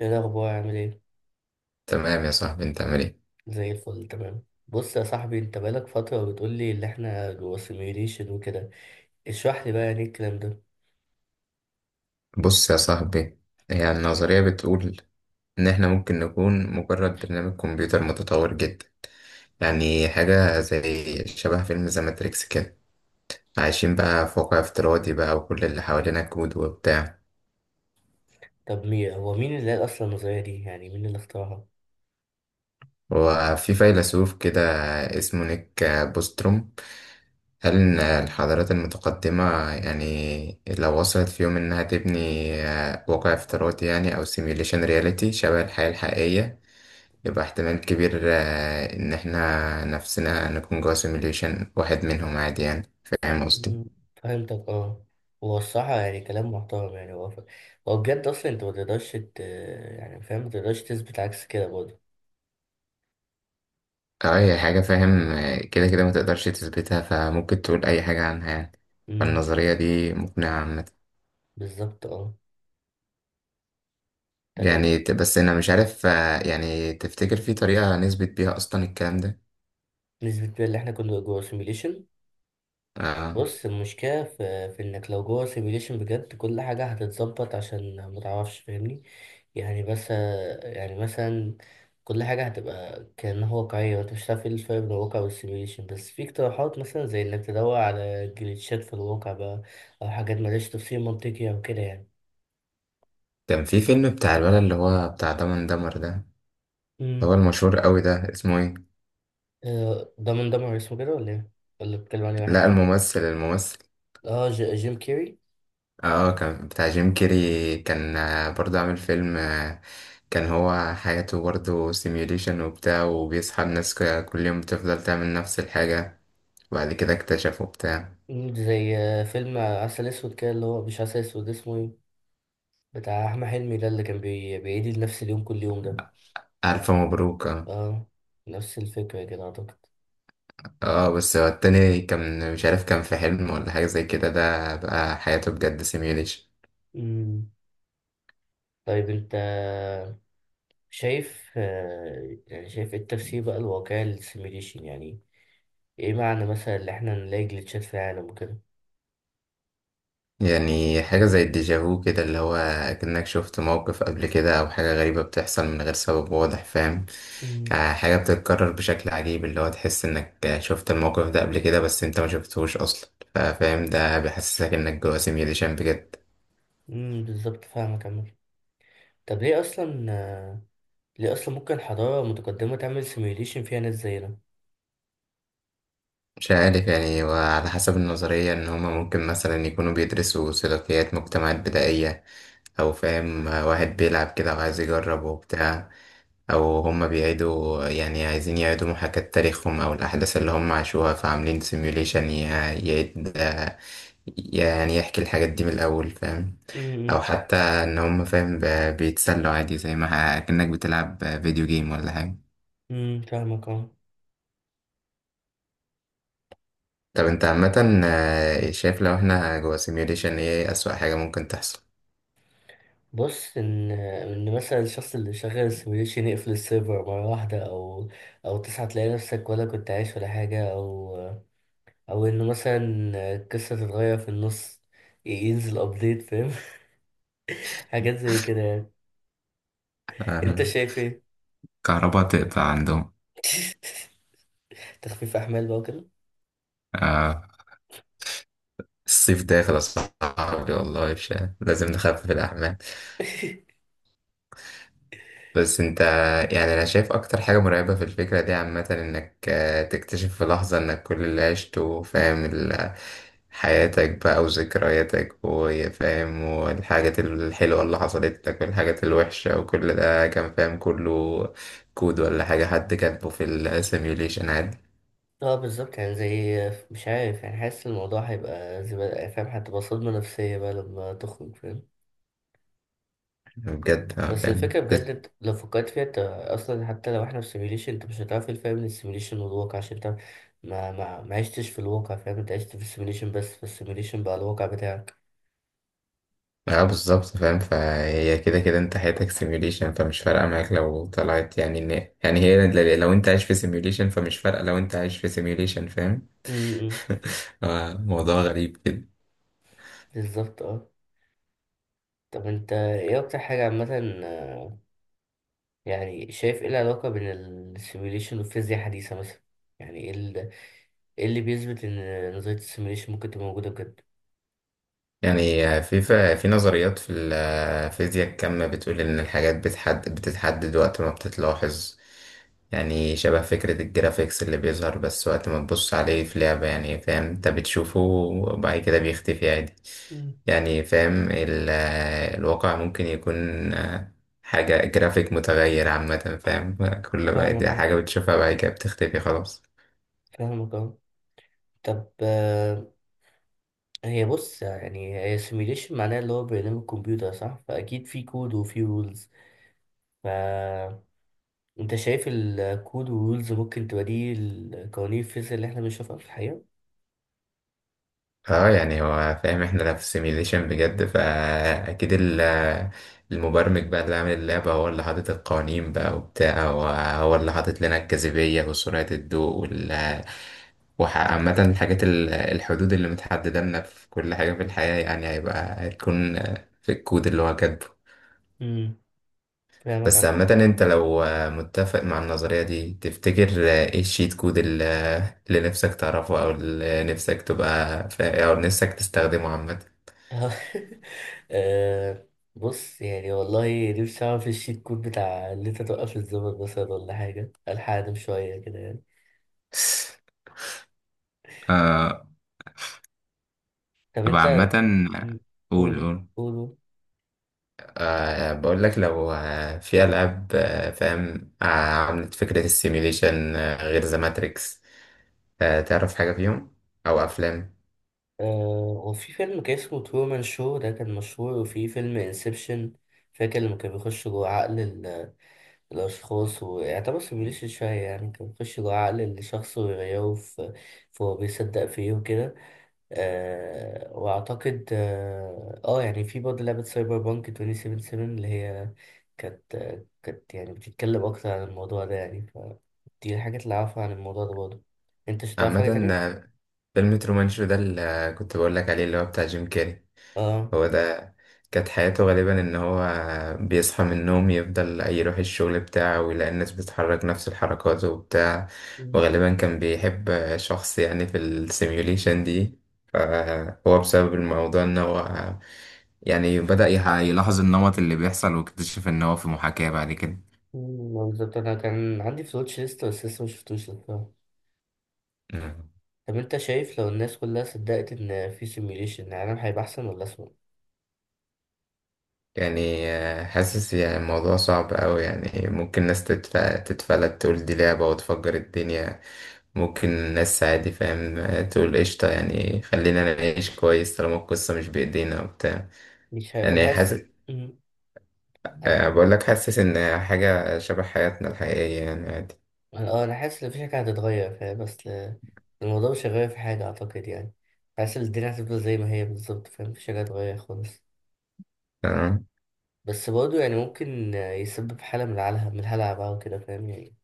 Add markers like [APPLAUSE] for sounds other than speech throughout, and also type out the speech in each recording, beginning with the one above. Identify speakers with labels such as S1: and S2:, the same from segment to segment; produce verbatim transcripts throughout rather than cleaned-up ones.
S1: ايه الاخبار، عامل ايه؟
S2: تمام يا صاحبي، انت عامل ايه؟
S1: زي الفل، تمام. بص يا صاحبي، انت بقالك فتره بتقول لي اللي احنا جوه سيميوليشن وكده. اشرح لي بقى يعني إيه الكلام ده؟
S2: بص يا صاحبي، هي النظرية بتقول ان احنا ممكن نكون مجرد برنامج كمبيوتر متطور جدا. يعني حاجة زي شبه فيلم ذا ماتريكس كده، عايشين بقى في واقع افتراضي بقى وكل اللي حوالينا كود وبتاع.
S1: طب مين هو مين اللي قال اصلا النظريه دي، يعني مين اللي اخترعها؟
S2: وفي فيلسوف كده اسمه نيك بوستروم، قال إن الحضارات المتقدمة يعني لو وصلت في يوم إنها تبني آه، واقع افتراضي يعني أو سيميوليشن رياليتي شبه الحياة الحقيقية، يبقى احتمال كبير آه، إن إحنا نفسنا نكون جوا سيميليشن واحد منهم عادي، يعني فاهم قصدي؟
S1: مم، فهمتك. اه. هو الصراحه يعني كلام محترم. يعني هو ف- هو بجد، اصلا انت ما تقدرش ت... يعني فاهم، ما تقدرش تثبت عكس كده برضه.
S2: أه، هي حاجة فاهم، آه، كده كده ما تقدرش تثبتها فممكن تقول أي حاجة عنها يعني.
S1: امم
S2: فالنظرية دي مقنعة عامة.
S1: بالظبط. اه. طيب،
S2: يعني ت- بس أنا مش عارف، آه، يعني تفتكر في طريقة نثبت بيها أصلا الكلام ده؟
S1: نثبت بقى اللي احنا كنا جوه سيميوليشن؟
S2: أه،
S1: بص، المشكلة في, في إنك لو جوه سيميليشن بجد كل حاجة هتتظبط عشان متعرفش. فاهمني؟ يعني بس، يعني مثلا كل حاجة هتبقى كأنها واقعية، وأنت مش هتعرف إيه الفرق بين الواقع والسيميليشن. بس في اقتراحات مثلا زي إنك تدور على جليتشات في الواقع بقى، أو حاجات ملهاش تفسير منطقي أو كده يعني.
S2: كان في فيلم بتاع الولد اللي هو بتاع دمن دمر ده اللي هو
S1: امم
S2: المشهور قوي ده، اسمه إيه؟
S1: آه، ده من دمر اسمه كده ولا إيه؟ ولا بتكلم عن إيه،
S2: لا،
S1: واحد؟
S2: الممثل الممثل
S1: آه، ج- جيم كيري.
S2: اه، آه، كان بتاع جيم كيري، كان آه، برضه عامل فيلم، آه، كان هو حياته برضه سيميوليشن وبتاع، وبيصحى الناس ك- كل يوم بتفضل تعمل نفس الحاجة، وبعد كده اكتشفوا بتاع.
S1: مم، زي آه، فيلم عسل أسود كده، اللي هو مش عسل أسود، اسمه إيه؟ بتاع احمد حلمي ده، اللي كان بي... بيعيد نفس اليوم كل يوم ده.
S2: ألف مبروك، اه.
S1: اه، نفس الفكرة كده اعتقد.
S2: آه، بس هو التاني كان مش عارف، كان في حلم ولا حاجة زي كده، ده بقى حياته بجد سيميوليشن.
S1: امم طيب انت شايف آه، يعني شايف ايه التفسير بقى الواقعي للسيميليشن يعني؟ ايه معنى مثلا اللي احنا نلاقي جليتشات في العالم وكده؟
S2: يعني حاجة زي الديجافو كده، اللي هو كأنك شفت موقف قبل كده أو حاجة غريبة بتحصل من غير سبب واضح، فاهم؟
S1: امم
S2: آه، حاجة بتتكرر بشكل عجيب، اللي هو تحس إنك شفت الموقف ده قبل كده بس أنت ما شفتهوش أصلا، فا- فاهم؟ ده بيحسسك إنك جوه سيميوليشن بجد.
S1: امم بالظبط، فاهمك عمال. طب ليه اصلا آه، ليه اصلا ممكن حضارة متقدمة تعمل سيميليشن فيها ناس زينا؟
S2: مش عارف يعني، وعلى حسب النظرية إن هما ممكن مثلا يكونوا بيدرسوا سلوكيات مجتمعات بدائية، أو فاهم، آه، واحد بيلعب كده وعايز يجرب وبتاع، او هم بيعيدوا يعني عايزين يعيدوا محاكاة تاريخهم او الاحداث اللي هم عاشوها، فعاملين سيميوليشن يعيد، آه، يعني يحكي الحاجات دي من الاول، فاهم؟ او
S1: امم
S2: حتى ان هم فاهم ب- بيتسلوا عادي زي ما كأنك بتلعب فيديو جيم ولا حاجة.
S1: امم فاهمك. اه.
S2: طب انت عامة، آه، شايف لو احنا جوا سيميوليشن ايه اسوأ حاجة ممكن تحصل؟
S1: بص، ان ان مثلا الشخص اللي شغال السيميوليشن يقفل السيرفر مره واحده، او او تصحى تلاقي نفسك ولا كنت عايش ولا حاجه، او او انه مثلا القصه تتغير في النص، ينزل ابديت. فاهم؟ [LAUGHS] حاجات زي كده يعني. انت
S2: آه،
S1: شايف ايه؟
S2: كهرباء تقطع عندهم.
S1: [LAUGHS] تخفيف احمال بقى وكده.
S2: آه، الصيف داخل يا صاحبي، والله مش لازم نخفف الأحمال. بس انت، يعني انا شايف اكتر حاجة مرعبة في الفكرة دي عامة، انك آه، تكتشف في لحظة انك كل اللي عشته فاهم، ال- حياتك بقى وذكرياتك وفاهم، والحاجات الحلوة اللي حصلت لك والحاجات الوحشة وكل ده كان فاهم كله كود ولا حاجة، حد كاتبه في السيميوليشن عادي.
S1: اه، بالظبط. يعني زي، مش عارف يعني، حاسس الموضوع هيبقى زي ما- فاهم، هتبقى صدمه نفسيه بقى لما تخرج. فاهم؟
S2: بجد، آه،
S1: بس
S2: فاهم.
S1: الفكرة بجد، انت لو فكرت فيها، انت اصلا حتى لو احنا في سيميوليشن، انت مش هتعرف إيه الفرق بين السيميوليشن والواقع، عشان انت ما ما ما عشتش في الواقع. فاهم؟ انت عشت في السيميوليشن بس، فالسيميوليشن بقى الواقع بتاعك.
S2: اه بالظبط، فاهم. فهي كده كده انت حياتك سيميوليشن، فمش فارقة معاك لو طلعت يعني ان، يعني هي ل- لو انت عايش في سيميوليشن فمش فارقة لو انت عايش في سيميوليشن، فاهم؟
S1: امم
S2: [LAUGHS] آه، موضوع غريب كده.
S1: بالظبط. اه. طب انت ايه اكتر حاجة عامة آه، يعني شايف ايه العلاقة بين السيميوليشن والفيزياء الحديثة مثلا؟ يعني ايه ال- ايه اللي بيثبت ان نظرية السيميوليشن ممكن تبقى موجودة بجد؟
S2: يعني آه، في ف- في نظريات في الفيزياء الكم بتقول إن الحاجات بتحدد بتتحدد وقت ما بتتلاحظ، يعني شبه فكرة الجرافيكس اللي بيظهر بس وقت ما تبص عليه في لعبة، يعني فاهم أنت بتشوفه وبعد كده بيختفي عادي.
S1: مم.
S2: يعني فاهم، ال- الواقع ممكن يكون آه، حاجة جرافيك متغير عامة، فاهم؟ كل ما دي
S1: فاهمك، اه.
S2: حاجة بتشوفها بعد كده بتختفي خلاص.
S1: فاهمك، اه. طب، هي بص يعني، هي سيميليشن معناها اللي هو برنامج كمبيوتر، صح؟ فأكيد في كود وفي رولز. فأنت شايف الكود والرولز ممكن تبقى دي القوانين الفيزياء اللي احنا بنشوفها في الحقيقة؟
S2: اه يعني هو فاهم احنا لا في سيميليشن بجد، فاكيد ال- المبرمج بقى اللي عامل اللعبة هو اللي حاطط القوانين بقى وبتاع، وهو اللي حاطط لنا الجاذبية وسرعة الضوء وال، وعامة الحاجات ال- الحدود اللي متحددة لنا في كل حاجة في الحياة، يعني هيبقى هتكون في الكود اللي هو كاتبه.
S1: امم فاهمك يا
S2: بس
S1: عم.
S2: عامة انت لو متفق مع النظرية دي، تفتكر ايه الشيت كود اللي اللي نفسك تعرفه او اللي نفسك تبقى فا- او نفسك تستخدمه عامة؟
S1: [LAUGHS] آه، بص يعني والله نفسي أعرف الشيت كود بتاع اللي أنت توقف الزمن مثلا، ولا حاجة ألحق أنام شوية كده يعني.
S2: آه،
S1: طب
S2: طب
S1: أنت،
S2: عامة،
S1: مم،
S2: قول
S1: قول
S2: قول
S1: قول.
S2: أه، بقول لك لو آه، في ألعاب آه، فاهم آه، عملت فكرة السيميليشن، آه، غير ذا ماتريكس، آه، تعرف حاجة فيهم أو أفلام؟
S1: آه وفي فيلم كان اسمه ترومان شو ده كان مشهور، وفي فيلم انسبشن. فاكر لما كان بيخش جوه عقل ال- الأشخاص ويعتبر سيميوليشن شوية يعني. كان بيخش جوه عقل الشخص ويغيره في في هو بيصدق فيه وكده. آه وأعتقد آه, آه يعني في برضه لعبة سايبر بانك توينتي سفنتي سفن اللي هي كانت كانت يعني بتتكلم أكتر عن الموضوع ده يعني. فدي الحاجات اللي أعرفها عن الموضوع ده برضه. أنت مش هتعرف حاجة
S2: عامة
S1: تانية؟
S2: آه، فيلم ترومان شو ده، اللي آه، كنت بقول لك عليه اللي هو بتاع جيم كاري،
S1: آه.
S2: هو ده. كانت حياته غالبا ان هو بيصحى من النوم يفضل يروح الشغل بتاعه ويلاقي الناس بتتحرك نفس الحركات وبتاع، وغالبا كان بيحب شخص يعني في السيميوليشن دي، فهو بسبب الموضوع ان هو يعني بدأ يح- يلاحظ النمط اللي بيحصل واكتشف ان هو في محاكاة بعد كده.
S1: مم، بالظبط، انا كان عندي في الواتش ليست بس لسه مشفتوش الصراحة.
S2: مم.
S1: طب انت شايف لو الناس كلها صدقت ان في سيميوليشن، العالم هيبقى احسن ولا اسوأ؟
S2: يعني آه، حاسس يعني الموضوع صعب أوي، يعني ممكن ناس تتف- تتفلت تقول دي لعبة وتفجر الدنيا، ممكن الناس عادي فاهم تقول قشطة يعني خلينا نعيش كويس طالما القصة مش بإيدينا وبتاع.
S1: مش عارف، انا
S2: يعني
S1: حاسس.
S2: حاسس،
S1: مم، أنا-
S2: آه، بقول لك حاسس إن حاجة شبه حياتنا الحقيقية يعني عادي.
S1: اه، انا حاسس ان في حاجة هتتغير فاهم، بس ل- الموضوع مش هيغير في حاجة اعتقد يعني. حاسس ان الدنيا هتفضل زي ما هي بالظبط. فاهم؟ مفيش حاجة هتتغير خالص.
S2: تمام.
S1: بس برضه يعني ممكن آه، يسبب حالة من العلها من الهلع بقى وكده فاهم يعني.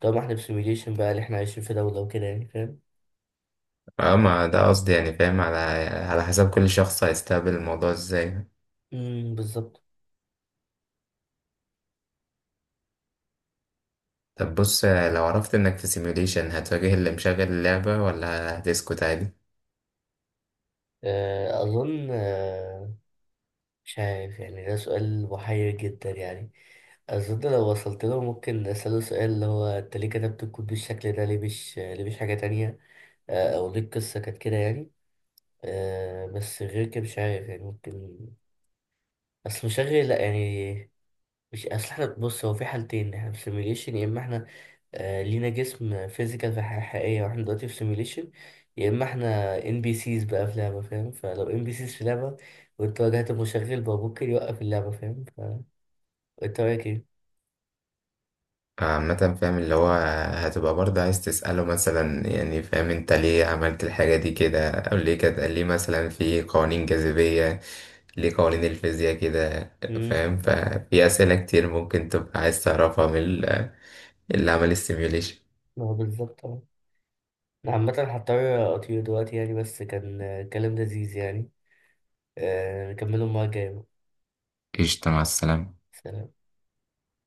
S1: طالما احنا في سيميوليشن بقى اللي احنا عايشين في دولة وكده يعني فاهم.
S2: اه ما ده قصدي يعني، فاهم على على حسب كل شخص هيستقبل الموضوع ازاي.
S1: مم، بالظبط.
S2: طب بص، آه، لو عرفت انك في سيميوليشن، هتواجه اللي مشغل اللعبة ولا هتسكت عادي؟
S1: آه، أظن آه، مش عارف يعني، ده سؤال محير جدا يعني. أظن لو وصلت له ممكن أسأله سؤال اللي هو: أنت ليه كتبت الكود بالشكل ده، ليه مش ليه مش حاجة تانية. آه، أو ليه القصة كانت كده يعني. آه، بس غير كده مش عارف يعني. ممكن أصل مشغل، لأ يعني. مش أصل احنا، بص، هو في حالتين: احنا في سيميليشن، يا إما احنا آه، لينا جسم فيزيكال في حياة حقيقية واحنا دلوقتي في سيميليشن، يا إما احنا ان بي سيز بقى في لعبة. فاهم؟ فلو ان بي سيز في لعبة وانت واجهت المشغل بقى ممكن يوقف اللعبة. فاهم؟ التراكي.
S2: عامة فاهم اللي هو هتبقى برضه عايز تسأله مثلا، يعني فاهم انت ليه عملت الحاجة دي كده، او ليه كده، ليه مثلا في قوانين جاذبية، ليه قوانين الفيزياء كده؟
S1: امم
S2: فاهم؟ ففي أسئلة كتير ممكن تبقى عايز تعرفها من ال- اللي عمل السيميوليشن.
S1: ما هو بالظبط اه. انا عامة هضطر اطير دلوقتي يعني، بس كان آه، كلام لذيذ يعني. آه، نكمله المرة الجاية بقى.
S2: قشطة، مع السلامة.
S1: سلام.